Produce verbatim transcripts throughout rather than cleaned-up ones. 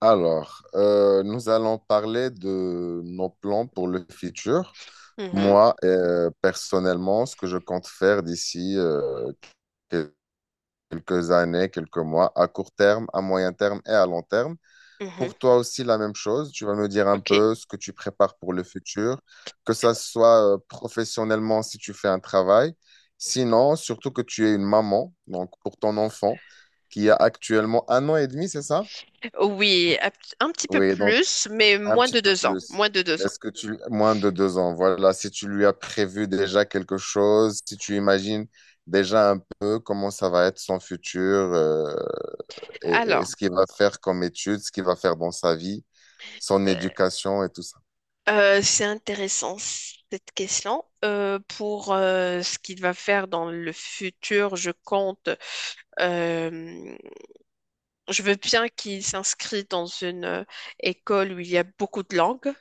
Alors, euh, nous allons parler de nos plans pour le futur. Mhm, Moi, euh, personnellement, ce que je compte faire d'ici euh, quel- quelques années, quelques mois, à court terme, à moyen terme et à long terme. mhm, Pour toi aussi, la même chose. Tu vas me dire un ok. peu ce que tu prépares pour le futur, que ça soit euh, professionnellement si tu fais un travail. Sinon, surtout que tu es une maman, donc pour ton enfant qui a actuellement un an et demi, c'est ça? Oui, un p- un petit peu Oui, donc plus, mais un moins petit de peu deux ans. plus. Moins de deux ans. Est-ce que tu... Moins de deux ans, voilà. Si tu lui as prévu déjà quelque chose, si tu imagines déjà un peu comment ça va être son futur euh, et, et Alors, ce qu'il va faire comme études, ce qu'il va faire dans sa vie, son éducation et tout ça. euh, c'est intéressant cette question. Euh, pour euh, ce qu'il va faire dans le futur, je compte. euh, je veux bien qu'il s'inscrit dans une euh, école où il y a beaucoup de langues.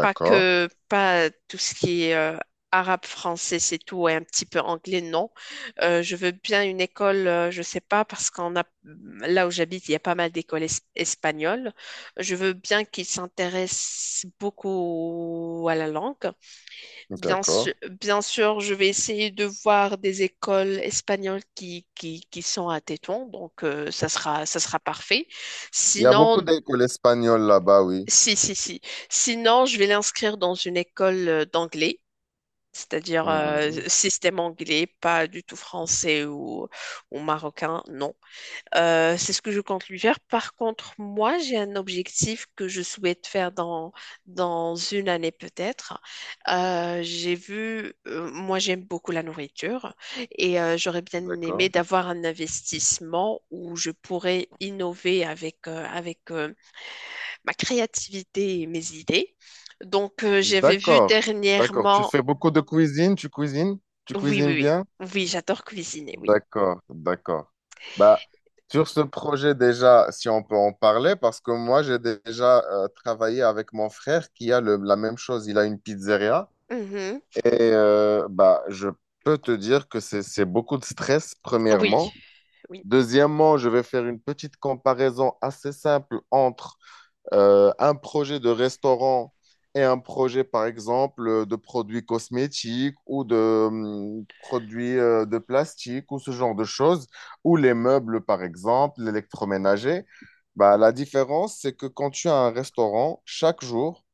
Pas que, pas tout ce qui est euh, arabe, français, c'est tout, et un petit peu anglais, non. Euh, je veux bien une école, euh, je sais pas, parce qu'on a, là où j'habite, il y a pas mal d'écoles es- espagnoles. Je veux bien qu'ils s'intéressent beaucoup à la langue. Bien d'accord. sûr, bien sûr, je vais essayer de voir des écoles espagnoles qui, qui, qui sont à Tétouan, donc euh, ça sera, ça sera parfait. Il y a beaucoup Sinon, d'écoles espagnoles là-bas, oui. si, si, si. Sinon, je vais l'inscrire dans une école euh, d'anglais, c'est-à-dire euh, Mhm. système anglais, pas du tout français ou, ou marocain, non. Euh, c'est ce que je compte lui faire. Par contre, moi, j'ai un objectif que je souhaite faire dans, dans une année peut-être. Euh, j'ai vu, euh, moi, j'aime beaucoup la nourriture et euh, j'aurais bien aimé D'accord. d'avoir un investissement où je pourrais innover avec, euh, avec euh, ma créativité et mes idées. Donc, euh, j'avais vu D'accord, d'accord. Tu dernièrement. fais beaucoup de cuisine, tu cuisines, tu Oui, oui, cuisines oui. bien? Oui, j'adore cuisiner, oui. D'accord, d'accord. Bah, sur ce projet déjà, si on peut en parler, parce que moi j'ai déjà euh, travaillé avec mon frère qui a le- la même chose, il a une pizzeria Mhm. et euh, bah, je peux te dire que c'est, c'est beaucoup de stress, Oui, premièrement. oui. Deuxièmement, je vais faire une petite comparaison assez simple entre euh, un projet de restaurant et un projet, par exemple, euh, de produits cosmétiques ou de hum, produits euh, de plastique ou ce genre de choses, ou les meubles, par exemple, l'électroménager, bah, la différence, c'est que quand tu as un restaurant, chaque jour,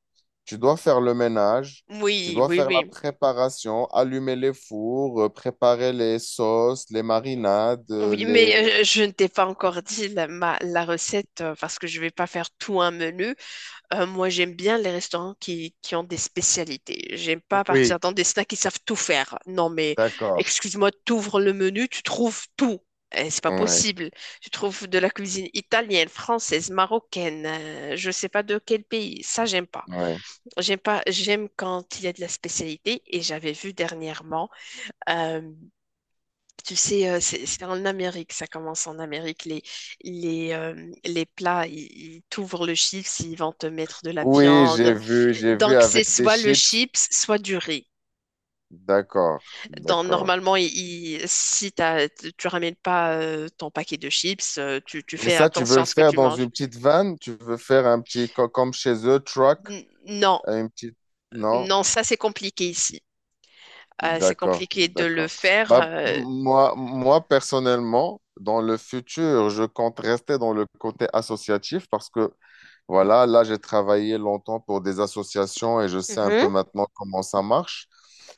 tu dois faire le ménage, tu Oui, dois oui, faire la oui. préparation, allumer les fours, euh, préparer les sauces, les marinades, euh, Oui, les... mais euh, je ne t'ai pas encore dit la, ma- la recette euh, parce que je vais pas faire tout un menu. Euh, moi, j'aime bien les restaurants qui, qui ont des spécialités. J'aime pas partir Oui, dans des snacks qui savent tout faire. Non, mais d'accord. excuse-moi, t'ouvres le menu, tu trouves tout. Eh, c'est pas Ouais, possible. Tu trouves de la cuisine italienne, française, marocaine, euh, je sais pas de quel pays. Ça, j'aime pas. ouais. J'aime pas, j'aime quand il y a de la spécialité. Et j'avais vu dernièrement, euh, tu sais, euh, c'est c'est en Amérique, ça commence en Amérique, les, les, euh, les plats, ils ils t'ouvrent le chiffre, ils vont te mettre de la Oui, viande. j'ai vu, j'ai vu Donc, c'est avec des soit le chips. chips, soit du riz. D'accord, Donc, d'accord. normalement, il- il- si t'as- tu tu ramènes pas euh, ton paquet de chips, euh, tu, tu Mais fais ça, tu veux attention le à ce que faire tu dans manges. une petite vanne? Tu veux faire un petit, co- comme chez eux, truck? N- non, Une petite... Non? non, ça, c'est compliqué ici. Euh, c'est D'accord, compliqué de le d'accord. faire Bah, m- euh, moi, moi, personnellement, dans le futur, je compte rester dans le côté associatif parce que voilà, là, j'ai travaillé longtemps pour des associations et je sais un peu Mhm. maintenant comment ça marche.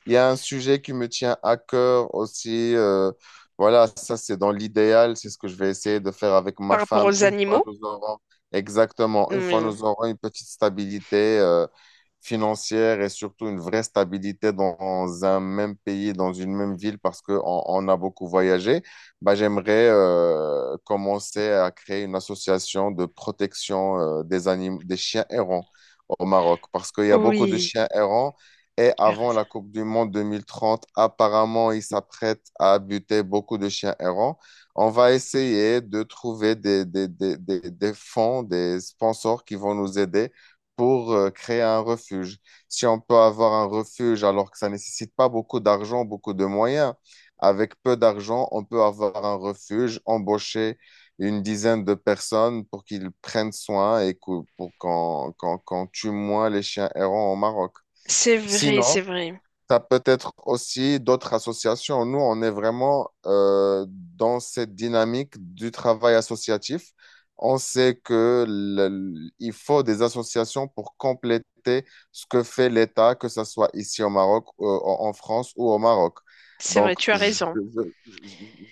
Il y a un sujet qui me tient à cœur aussi. Euh, voilà, ça, c'est dans l'idéal. C'est ce que je vais essayer de faire avec Par ma rapport femme aux une fois animaux? nous aurons, exactement, une fois Mm. nous aurons une petite stabilité, euh, financière et surtout une vraie stabilité dans un même pays, dans une même ville, parce qu'on on on a beaucoup voyagé. Bah, j'aimerais euh, commencer à créer une association de protection euh, des animaux, des chiens errants au Maroc parce qu'il y a beaucoup de Oui, chiens errants, et tu as avant raison. la Coupe du Monde deux mille trente, apparemment, ils s'apprêtent à buter beaucoup de chiens errants. On va essayer de trouver des, des, des, des, des fonds, des sponsors qui vont nous aider pour euh, créer un refuge. Si on peut avoir un refuge alors que ça ne nécessite pas beaucoup d'argent, beaucoup de moyens, avec peu d'argent, on peut avoir un refuge, embaucher une dizaine de personnes pour qu'ils prennent soin et que- pour qu'on qu'on- qu'on tue moins les chiens errants au Maroc. C'est vrai, Sinon, c'est vrai. ça peut être aussi d'autres associations. Nous, on est vraiment euh, dans cette dynamique du travail associatif. On sait que le- il faut des associations pour compléter ce que fait l'État, que ce soit ici au Maroc, euh, en en France ou au Maroc. C'est vrai, Donc, tu as je- raison. je- je-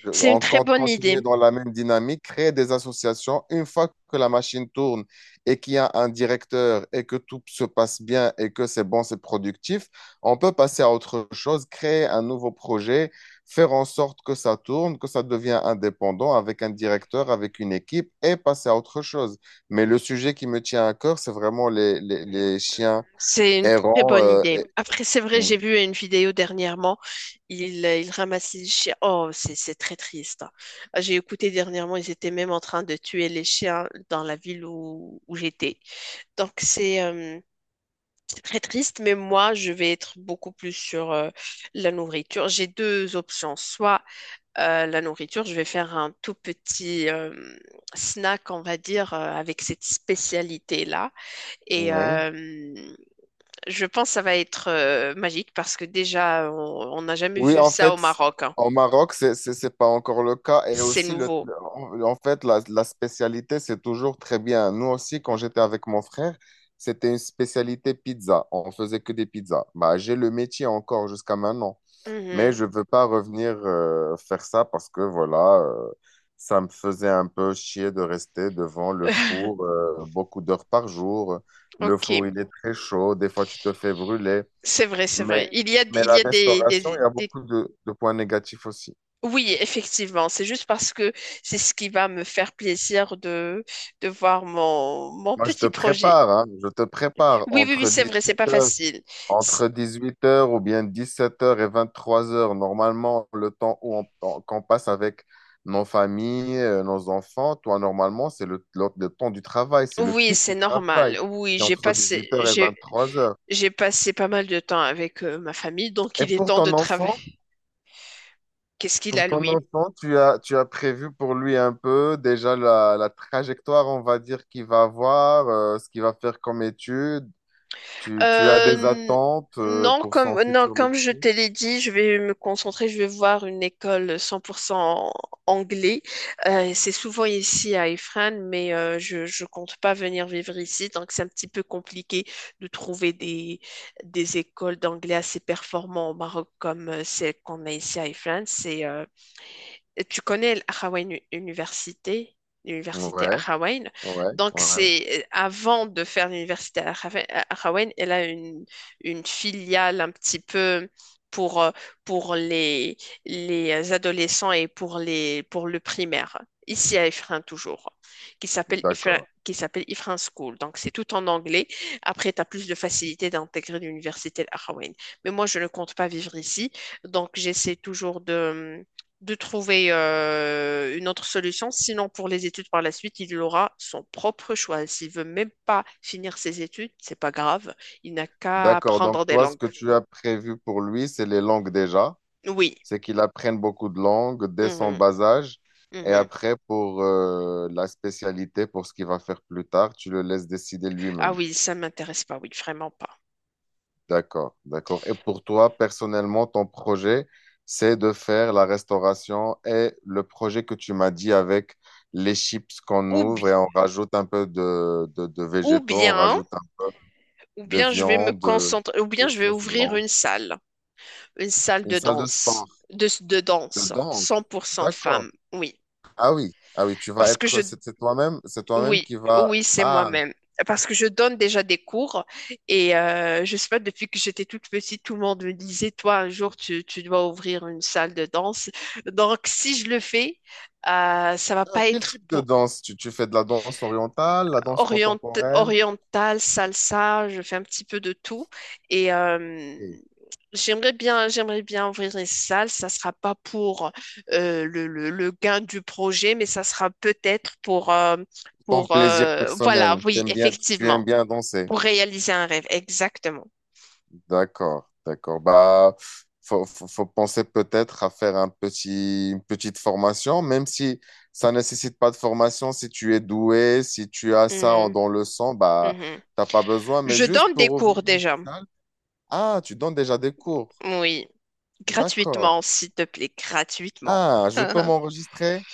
je- C'est une on très compte bonne continuer idée. dans la même dynamique, créer des associations. Une fois que la machine tourne et qu'il y a un directeur et que tout se passe bien et que c'est bon, c'est productif, on peut passer à autre chose, créer un nouveau projet, faire en sorte que ça tourne, que ça devient indépendant avec un directeur, avec une équipe et passer à autre chose. Mais le sujet qui me tient à cœur, c'est vraiment les, les, les chiens C'est une très errants. bonne euh, idée. et- Après, c'est vrai, mm, j'ai vu une vidéo dernièrement. Ils, ils ramassaient les chiens. Oh, c'est c'est très triste. Ah, J'ai écouté dernièrement, ils étaient même en train de tuer les chiens dans la ville où, où j'étais. Donc, c'est euh, c'est très triste, mais moi, je vais être beaucoup plus sur euh, la nourriture. J'ai deux options. Soit euh, la nourriture, je vais faire un tout petit euh, snack, on va dire, euh, avec cette spécialité-là. Et. Ouais. euh, je pense que ça va être euh, magique parce que déjà, on on n'a jamais Oui, vu en ça au fait, Maroc. hein. au Maroc, c'est, c'est, c'est pas encore le cas. Et C'est aussi, le, nouveau. en en fait, la, la spécialité, c'est toujours très bien. Nous aussi, quand j'étais avec mon frère, c'était une spécialité pizza. On faisait que des pizzas. Bah, j'ai le métier encore jusqu'à maintenant. Mais Mhm. je veux pas revenir euh, faire ça parce que, voilà, euh, ça me faisait un peu chier de rester devant le four euh, beaucoup d'heures par jour. Le Ok, four, il est très chaud. Des fois, tu te fais brûler. c'est vrai, c'est vrai. Mais, Il y a, mais il y la a des, restauration, des- il y a des- beaucoup de, de points négatifs aussi. Oui, effectivement, c'est juste parce que c'est ce qui va me faire plaisir de, de voir mon, mon Moi, je te petit projet. prépare, hein, je te prépare Oui, oui, oui, entre c'est vrai, c'est dix-huit pas heures facile. C- entre dix-huit heures ou bien dix-sept heures et vingt-trois heures. Normalement, le temps où on- on- qu'on passe avec nos familles, euh, nos enfants, toi, normalement, c'est le, le- le temps du travail, c'est le Oui, pic c'est du normal. travail. Oui, C'est j'ai entre passé, dix-huit heures et j'ai, vingt-trois heures. j'ai passé pas mal de temps avec euh, ma famille, donc Et il est pour temps de ton enfant, travailler. Qu'est-ce qu'il pour a, ton lui? enfant, tu as, tu as prévu pour lui un peu déjà la, la trajectoire, on va dire, qu'il va avoir, euh, ce qu'il va faire comme étude. Tu, tu as des Euh, attentes, euh, non, pour son comme, non, futur comme je métier? te l'ai dit, je vais me concentrer, je vais voir une école cent pour cent anglais. Euh, c'est souvent ici à Ifrane, mais euh, je, je compte pas venir vivre ici, donc c'est un petit peu compliqué de trouver des, des écoles d'anglais assez performantes au Maroc comme euh, celles qu'on a ici à Ifrane. C'est euh, Tu connais l'Ahrawaïne Université, l'université Ouais, Ahrawaïne. ouais, Donc, ouais. c'est avant de faire l'université Ahrawa- Ahrawaïne, elle a une, une filiale un petit peu pour, euh, pour les, les adolescents et pour, les, pour le primaire, ici à Ifrin toujours, qui s'appelle Ifrin. D'accord. Qui s'appelle Ifrin School. Donc, c'est tout en anglais. Après, tu as plus de facilité d'intégrer l'université Al-Ahrawaïne. Mais moi, je ne compte pas vivre ici. Donc, j'essaie toujours de, de trouver euh, une autre solution. Sinon, pour les études par la suite, il aura son propre choix. S'il veut même pas finir ses études, c'est pas grave. Il n'a qu'à D'accord. apprendre Donc, des toi, ce langues. que tu as prévu pour lui, c'est les langues déjà. Oui. C'est qu'il apprenne beaucoup de langues dès son Mhm. bas âge. Et Mhm. après, pour, euh, la spécialité, pour ce qu'il va faire plus tard, tu le laisses décider Ah lui-même. oui, ça m'intéresse pas. Oui, vraiment pas. D'accord, d'accord. Et pour toi, personnellement, ton projet, c'est de faire la restauration et le projet que tu m'as dit avec les chips qu'on Ou, bi- ouvre et on rajoute un peu de, de, de ou végétaux, on bien, rajoute un peu ou de bien je vais me viande, de, concentrer, ou bien de je vais sauce ouvrir blanche. une salle, une salle, Une de salle de danse, sport, de, de de danse, cent danse. pour cent D'accord. femme. Oui. Ah oui, ah oui, tu vas Parce que je être, c'est c'est toi-même, c'est toi-même Oui, qui va. oui, c'est Ah, moi-même. Parce que je donne déjà des cours et euh, je sais pas, depuis que j'étais toute petite, tout le monde me disait, toi, un jour, tu, tu dois ouvrir une salle de danse. Donc, si je le fais, euh, ça va ah, pas quel être type de pour danse? Tu, tu fais de la danse orientale, la danse Orient, contemporaine? oriental, salsa, je fais un petit peu de tout. Et euh, Ok. j'aimerais bien, j'aimerais bien ouvrir une salle. Ça sera pas pour euh, le, le- le gain du projet, mais ça sera peut-être pour, euh, Ton pour plaisir euh, voilà, personnel, oui, t'aimes bien, tu aimes effectivement, bien danser. pour réaliser un rêve, exactement. D'accord, d'accord. Bah, faut, faut, faut penser peut-être à faire un petit, une petite formation, même si ça ne nécessite pas de formation. Si tu es doué, si tu as ça en- Mhm, dans le sang, bah, mhm. t'as pas besoin. Mais Je juste donne des pour ouvrir cours une déjà, salle. Ah, tu donnes déjà des cours. oui, D'accord. gratuitement, s'il te plaît, gratuitement. Ah, je peux m'enregistrer?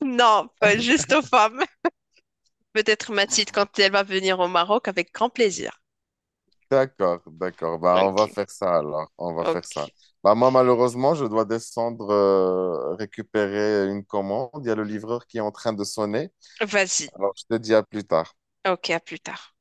Non, pas juste aux femmes. Peut-être Mathilde quand elle va venir au Maroc avec grand plaisir. D'accord, d'accord. Bah, on va Ok, faire ça alors. On va faire ça. ok. Bah, moi, malheureusement, je dois descendre euh, récupérer une commande. Il y a le livreur qui est en train de sonner. Vas-y. Alors, je te dis à plus tard. Ok, à plus tard.